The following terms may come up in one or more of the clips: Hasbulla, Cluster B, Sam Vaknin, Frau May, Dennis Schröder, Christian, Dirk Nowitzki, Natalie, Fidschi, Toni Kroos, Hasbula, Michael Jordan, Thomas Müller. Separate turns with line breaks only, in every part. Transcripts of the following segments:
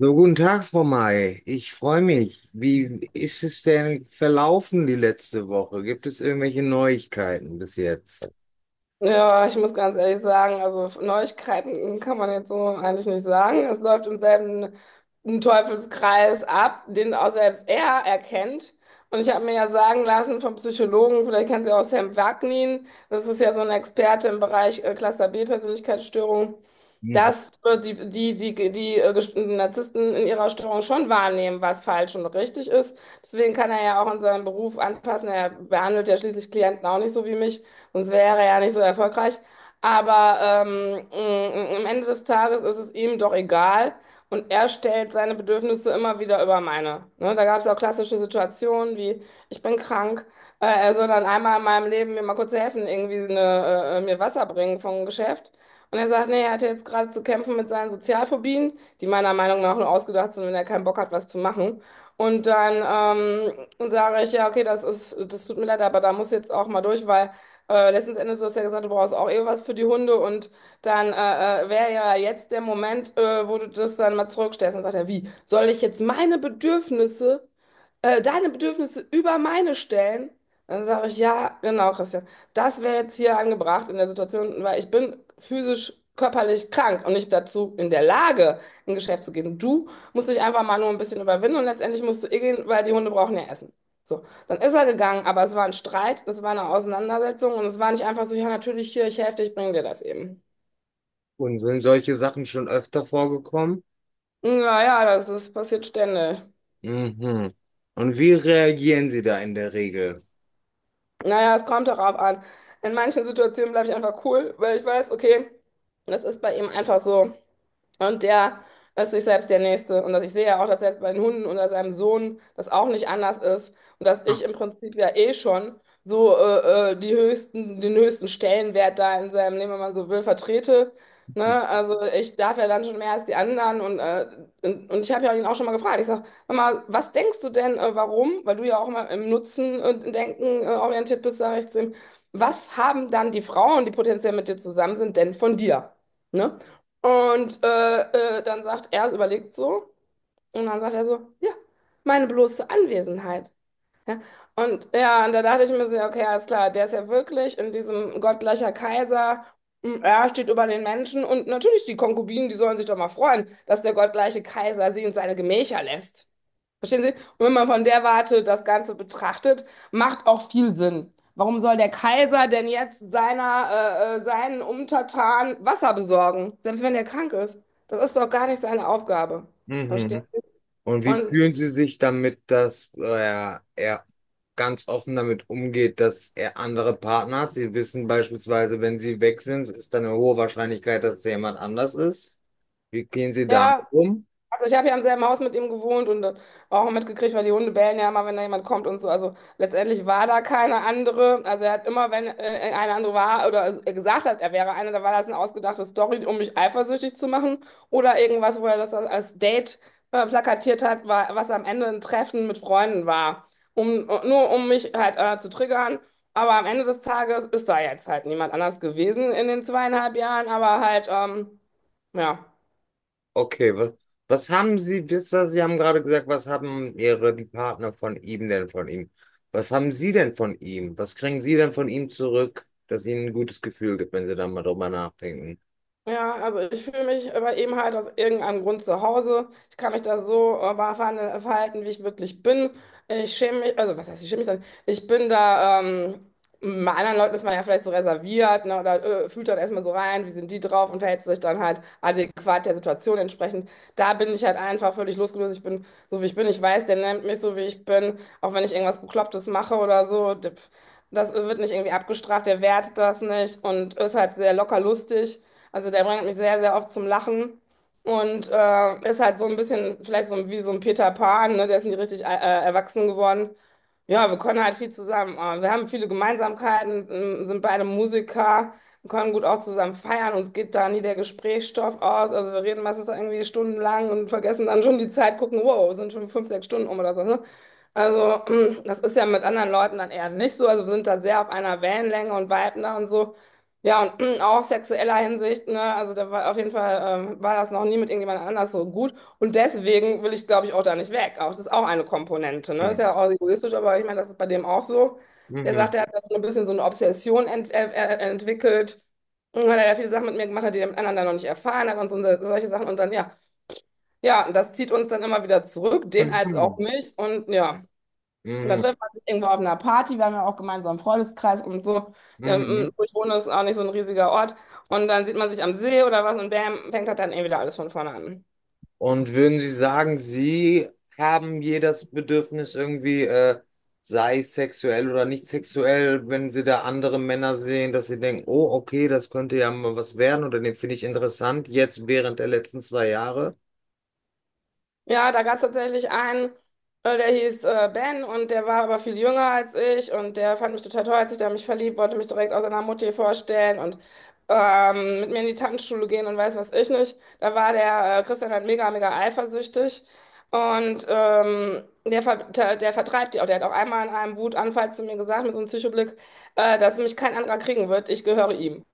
So, guten Tag, Frau May. Ich freue mich. Wie ist es denn verlaufen die letzte Woche? Gibt es irgendwelche Neuigkeiten bis jetzt?
Ja, ich muss ganz ehrlich sagen, also Neuigkeiten kann man jetzt so eigentlich nicht sagen. Es läuft im selben Teufelskreis ab, den auch selbst er erkennt. Und ich habe mir ja sagen lassen vom Psychologen, vielleicht kennen Sie auch Sam Vaknin, das ist ja so ein Experte im Bereich Cluster B Persönlichkeitsstörung,
Mhm.
dass die Narzissten in ihrer Störung schon wahrnehmen, was falsch und richtig ist. Deswegen kann er ja auch in seinem Beruf anpassen. Er behandelt ja schließlich Klienten auch nicht so wie mich, sonst wäre er ja nicht so erfolgreich. Aber am Ende des Tages ist es ihm doch egal und er stellt seine Bedürfnisse immer wieder über meine. Ne? Da gab es auch klassische Situationen wie, ich bin krank, er soll dann einmal in meinem Leben mir mal kurz helfen, irgendwie eine, mir Wasser bringen vom Geschäft. Und er sagt, nee, er hatte jetzt gerade zu kämpfen mit seinen Sozialphobien, die meiner Meinung nach nur ausgedacht sind, wenn er keinen Bock hat, was zu machen. Und dann sage ich, ja, okay, das ist, das tut mir leid, aber da muss ich jetzt auch mal durch, weil letzten Endes, du hast ja gesagt, du brauchst auch eh was für die Hunde und dann wäre ja jetzt der Moment, wo du das dann mal zurückstellst. Und sagt er, wie, soll ich jetzt meine Bedürfnisse deine Bedürfnisse über meine stellen, dann sage ich, ja, genau, Christian, das wäre jetzt hier angebracht in der Situation, weil ich bin physisch, körperlich krank und nicht dazu in der Lage, in Geschäft zu gehen. Du musst dich einfach mal nur ein bisschen überwinden und letztendlich musst du eh gehen, weil die Hunde brauchen ja Essen. So, dann ist er gegangen, aber es war ein Streit, es war eine Auseinandersetzung und es war nicht einfach so, ja, natürlich hier, ich helfe dir, ich bringe dir das eben.
Und sind solche Sachen schon öfter vorgekommen?
Naja, das ist, passiert ständig.
Mhm. Und wie reagieren Sie da in der Regel?
Naja, es kommt darauf an. In manchen Situationen bleibe ich einfach cool, weil ich weiß, okay, das ist bei ihm einfach so. Und der ist sich selbst der Nächste. Und dass ich sehe ja auch, dass selbst bei den Hunden oder seinem Sohn das auch nicht anders ist. Und dass ich im Prinzip ja eh schon so die höchsten, den höchsten Stellenwert da in seinem Leben, wenn man so will, vertrete. Ne? Also ich darf ja dann schon mehr als die anderen. Und ich habe ja ihn auch schon mal gefragt. Ich sage, Mama, was denkst du denn, warum? Weil du ja auch immer im Nutzen und Denken orientiert bist, sage ich zu ihm. Was haben dann die Frauen, die potenziell mit dir zusammen sind, denn von dir? Ne? Und dann sagt er, überlegt so, und dann sagt er so, ja, meine bloße Anwesenheit. Ja. Und ja, und da dachte ich mir so, ja, okay, alles klar, der ist ja wirklich in diesem gottgleicher Kaiser, er steht über den Menschen und natürlich die Konkubinen, die sollen sich doch mal freuen, dass der gottgleiche Kaiser sie in seine Gemächer lässt. Verstehen Sie? Und wenn man von der Warte das Ganze betrachtet, macht auch viel Sinn. Warum soll der Kaiser denn jetzt seiner, seinen Untertanen Wasser besorgen, selbst wenn er krank ist? Das ist doch gar nicht seine Aufgabe. Verstehen?
Mhm. Und wie
Und
fühlen Sie sich damit, dass er ganz offen damit umgeht, dass er andere Partner hat? Sie wissen beispielsweise, wenn Sie weg sind, ist dann eine hohe Wahrscheinlichkeit, dass es jemand anders ist. Wie gehen Sie damit
ja,
um?
also ich habe ja im selben Haus mit ihm gewohnt und auch mitgekriegt, weil die Hunde bellen ja immer, wenn da jemand kommt und so. Also letztendlich war da keine andere. Also er hat immer, wenn eine andere war oder gesagt hat, er wäre eine, da war das eine ausgedachte Story, um mich eifersüchtig zu machen oder irgendwas, wo er das als Date plakatiert hat, war, was am Ende ein Treffen mit Freunden war, um nur um mich halt zu triggern. Aber am Ende des Tages ist da jetzt halt niemand anders gewesen in den zweieinhalb Jahren, aber halt ja.
Okay, was haben Sie, Sie haben gerade gesagt, was haben die Partner von ihm denn von ihm? Was haben Sie denn von ihm? Was kriegen Sie denn von ihm zurück, das Ihnen ein gutes Gefühl gibt, wenn Sie da mal drüber nachdenken?
Ja, also ich fühle mich aber eben halt aus irgendeinem Grund zu Hause. Ich kann mich da so verhalten, wie ich wirklich bin. Ich schäme mich, also was heißt, ich schäme mich dann? Ich bin da, bei anderen Leuten ist man ja vielleicht so reserviert, ne, oder fühlt dann erstmal so rein, wie sind die drauf und verhält sich dann halt adäquat der Situation entsprechend. Da bin ich halt einfach völlig losgelöst. Ich bin so, wie ich bin. Ich weiß, der nennt mich so, wie ich bin. Auch wenn ich irgendwas Beklopptes mache oder so, das wird nicht irgendwie abgestraft, der wertet das nicht und ist halt sehr locker lustig. Also der bringt mich sehr, sehr oft zum Lachen und ist halt so ein bisschen, vielleicht so wie so ein Peter Pan, ne? Der ist nie richtig erwachsen geworden. Ja, wir können halt viel zusammen. Wir haben viele Gemeinsamkeiten, sind beide Musiker, wir können gut auch zusammen feiern. Uns geht da nie der Gesprächsstoff aus. Also wir reden meistens irgendwie stundenlang und vergessen dann schon die Zeit, gucken, wow, sind schon fünf, sechs Stunden um oder so. Ne? Also das ist ja mit anderen Leuten dann eher nicht so. Also wir sind da sehr auf einer Wellenlänge und viben da und so. Ja, und auch sexueller Hinsicht, ne? Also da war auf jeden Fall, war das noch nie mit irgendjemand anders so gut. Und deswegen will ich, glaube ich, auch da nicht weg. Auch das ist auch eine Komponente, ne? Ist
Mhm.
ja auch egoistisch, aber ich meine, das ist bei dem auch so. Der
Mhm.
sagt, er hat das so ein bisschen so eine Obsession entwickelt. Und weil er ja viele Sachen mit mir gemacht hat, die der mit anderen dann noch nicht erfahren hat und so, solche Sachen. Und dann, ja, ja, und das zieht uns dann immer wieder zurück, den als auch
Mhm.
mich. Und ja. Und dann
Mhm.
trifft man sich irgendwo auf einer Party, wir haben ja auch gemeinsam einen Freundeskreis und so.
Mhm.
Wo ich wohne, ist auch nicht so ein riesiger Ort. Und dann sieht man sich am See oder was und bam, fängt das dann eh wieder alles von vorne an.
Und würden Sie sagen, Sie haben jedes Bedürfnis irgendwie, sei es sexuell oder nicht sexuell, wenn Sie da andere Männer sehen, dass Sie denken, oh, okay, das könnte ja mal was werden oder den finde ich interessant, jetzt während der letzten zwei Jahre?
Ja, da gab es tatsächlich einen, der hieß Ben und der war aber viel jünger als ich und der fand mich total toll, hat sich da in mich verliebt, wollte mich direkt aus seiner Mutti vorstellen und mit mir in die Tanzschule gehen und weiß was ich nicht. Da war der Christian halt mega, mega eifersüchtig und der vertreibt die auch. Der hat auch einmal in einem Wutanfall zu mir gesagt, mit so einem Psychoblick, dass mich kein anderer kriegen wird, ich gehöre ihm.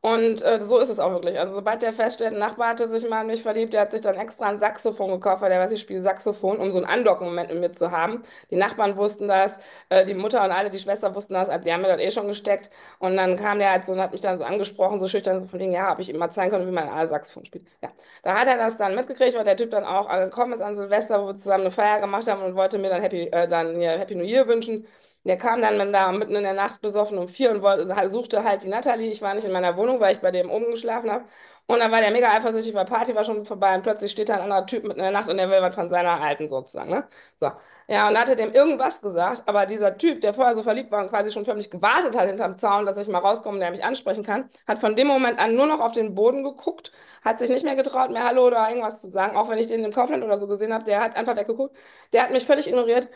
Und so ist es auch wirklich. Also sobald der feststellt, ein Nachbar hatte sich mal in mich verliebt, der hat sich dann extra ein Saxophon gekauft, weil der weiß, ich spiele Saxophon, um so einen Andocken-Moment mit mir zu haben. Die Nachbarn wussten das, die Mutter und alle, die Schwester wussten das, die haben mir das eh schon gesteckt. Und dann kam der halt so und hat mich dann so angesprochen, so schüchtern, so von wegen, ja, ob ich ihm mal zeigen konnte, wie man ein Saxophon spielt. Ja, da hat er das dann mitgekriegt, weil der Typ dann auch angekommen ist an Silvester, wo wir zusammen eine Feier gemacht haben und wollte mir dann dann ja Happy New Year wünschen. Der kam dann mit- da mitten in der Nacht besoffen um vier und suchte halt die Natalie. Ich war nicht in meiner Wohnung, weil ich bei dem oben geschlafen habe. Und dann war der mega eifersüchtig, weil Party war schon vorbei und plötzlich steht da ein anderer Typ mitten in der Nacht und der will was von seiner Alten sozusagen, ne? So. Ja, und hatte dem irgendwas gesagt, aber dieser Typ, der vorher so verliebt war und quasi schon förmlich gewartet hat hinterm Zaun, dass ich mal rauskomme und der mich ansprechen kann, hat von dem Moment an nur noch auf den Boden geguckt, hat sich nicht mehr getraut, mir Hallo oder irgendwas zu sagen, auch wenn ich den im Kaufland oder so gesehen habe, der hat einfach weggeguckt. Der hat mich völlig ignoriert.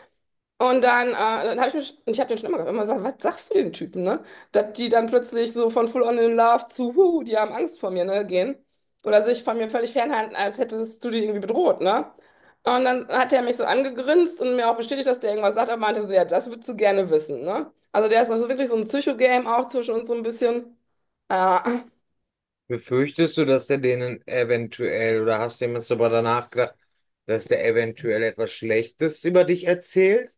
Und dann, dann habe ich mich, und ich habe den schon immer gehabt, immer gesagt, was sagst du den Typen, ne? Dass die dann plötzlich so von Full on in Love zu, huh, die haben Angst vor mir, ne, gehen. Oder sich von mir völlig fernhalten, als hättest du die irgendwie bedroht, ne? Und dann hat er mich so angegrinst und mir auch bestätigt, dass der irgendwas sagt, aber meinte so, ja, das würdest du gerne wissen, ne? Also der ist, das ist wirklich so ein Psycho-Game auch zwischen uns so ein bisschen. Ja.
Befürchtest du, dass der denen eventuell oder hast du ihm jetzt aber danach gedacht, dass der eventuell etwas Schlechtes über dich erzählt?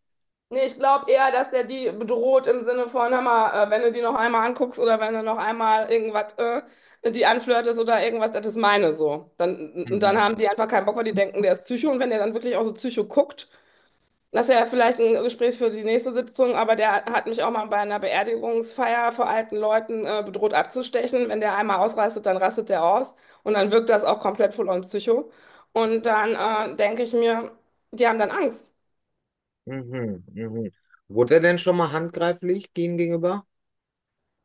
Nee, ich glaube eher, dass der die bedroht im Sinne von, hör mal, wenn du die noch einmal anguckst oder wenn du noch einmal irgendwas die anflirtest oder irgendwas, das ist meine so. Dann
Mhm.
haben die einfach keinen Bock, weil die denken, der ist Psycho. Und wenn der dann wirklich auch so Psycho guckt, das ist ja vielleicht ein Gespräch für die nächste Sitzung, aber der hat mich auch mal bei einer Beerdigungsfeier vor alten Leuten bedroht abzustechen. Wenn der einmal ausrastet, dann rastet der aus. Und dann wirkt das auch komplett voll on Psycho. Und dann denke ich mir, die haben dann Angst.
Mhm, mhm. Wurde er denn schon mal handgreiflich gegen gegenüber?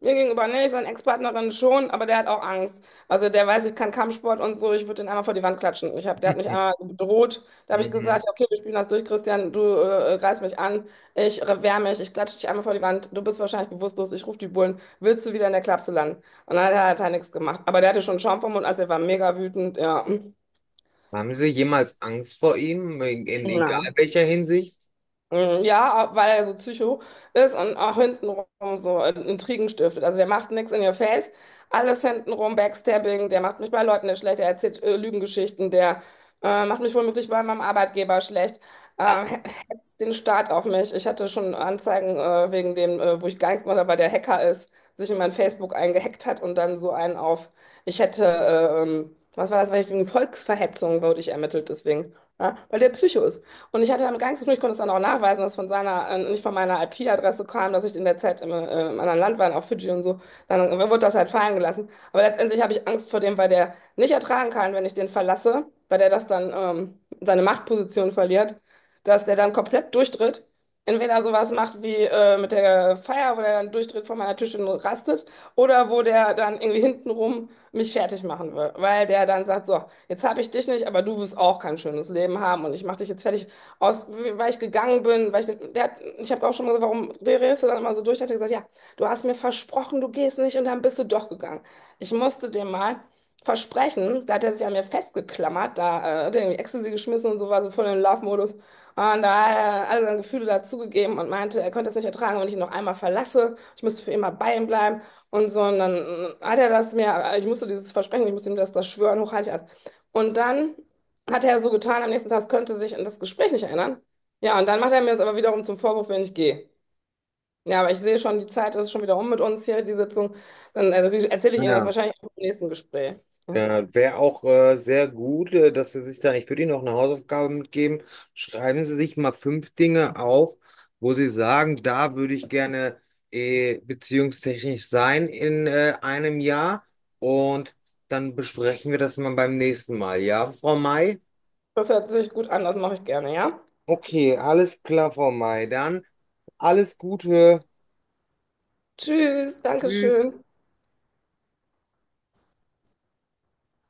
Mir gegenüber nicht, seine Ex-Partnerin schon, aber der hat auch Angst. Also der weiß, ich kann Kampfsport und so, ich würde den einmal vor die Wand klatschen. Ich hab, der hat mich einmal bedroht. Da habe ich gesagt,
Mhm.
ja, okay, wir spielen das durch, Christian, du greifst mich an, ich wehr mich, ich klatsche dich einmal vor die Wand, du bist wahrscheinlich bewusstlos, ich rufe die Bullen, willst du wieder in der Klapse landen? Und dann hat er halt nichts gemacht. Aber der hatte schon Schaum vom Mund, also er war mega wütend, ja.
Haben Sie jemals Angst vor ihm, in egal
Nein.
welcher Hinsicht?
Mhm. Ja, weil er so Psycho ist und auch hintenrum so Intrigen stiftet. Also der macht nichts in your face, alles hintenrum, Backstabbing, der macht mich bei Leuten nicht schlecht, der erzählt Lügengeschichten, der macht mich womöglich bei meinem Arbeitgeber schlecht,
Ach,
äh, he- hetzt den Staat auf mich. Ich hatte schon Anzeigen wegen dem, wo ich gar nichts gemacht habe, weil der Hacker ist, sich in mein Facebook eingehackt hat und dann so einen auf, ich hätte, was war das, weil ich wegen Volksverhetzung wurde ich ermittelt deswegen, ja, weil der Psycho ist. Und ich hatte damit gar nichts zu tun. Ich konnte es dann auch nachweisen, dass von seiner, nicht von meiner IP-Adresse kam, dass ich in der Zeit im, im anderen Land war, auf Fidschi und so. Dann wurde das halt fallen gelassen. Aber letztendlich habe ich Angst vor dem, weil der nicht ertragen kann, wenn ich den verlasse, weil der das dann seine Machtposition verliert, dass der dann komplett durchdreht. Entweder sowas macht wie mit der Feier, wo der dann durchdreht vor meiner Tür und rastet, oder wo der dann irgendwie hintenrum mich fertig machen will, weil der dann sagt, so, jetzt habe ich dich nicht, aber du wirst auch kein schönes Leben haben und ich mache dich jetzt fertig, aus, weil ich gegangen bin, weil ich, der hat, ich habe auch schon mal gesagt, warum drehst du dann immer so durch? Hat er gesagt, ja, du hast mir versprochen, du gehst nicht und dann bist du doch gegangen. Ich musste dem mal versprechen, da hat er sich an mir festgeklammert, da hat er irgendwie Ecstasy geschmissen und so war so voll in Love-Modus. Und da hat er alle seine Gefühle dazugegeben und meinte, er könnte es nicht ertragen, wenn ich ihn noch einmal verlasse. Ich müsste für immer bei ihm bleiben und so. Und dann hat er das mir, ich musste dieses Versprechen, ich musste ihm das, das schwören, hochheilig. Und dann hat er so getan am nächsten Tag, es könnte sich an das Gespräch nicht erinnern. Ja, und dann macht er mir das aber wiederum zum Vorwurf, wenn ich gehe. Ja, aber ich sehe schon, die Zeit ist schon wieder um mit uns hier, die Sitzung. Dann erzähle ich Ihnen das
ja.
wahrscheinlich auch im nächsten Gespräch. Ja.
Wäre auch sehr gut, dass wir sich da, ich würde Ihnen noch eine Hausaufgabe mitgeben. Schreiben Sie sich mal 5 Dinge auf, wo Sie sagen, da würde ich gerne beziehungstechnisch sein in einem Jahr. Und dann besprechen wir das mal beim nächsten Mal. Ja, Frau May?
Das hört sich gut an, das mache ich gerne, ja?
Okay, alles klar, Frau May. Dann alles Gute.
Tschüss,
Tschüss.
Dankeschön.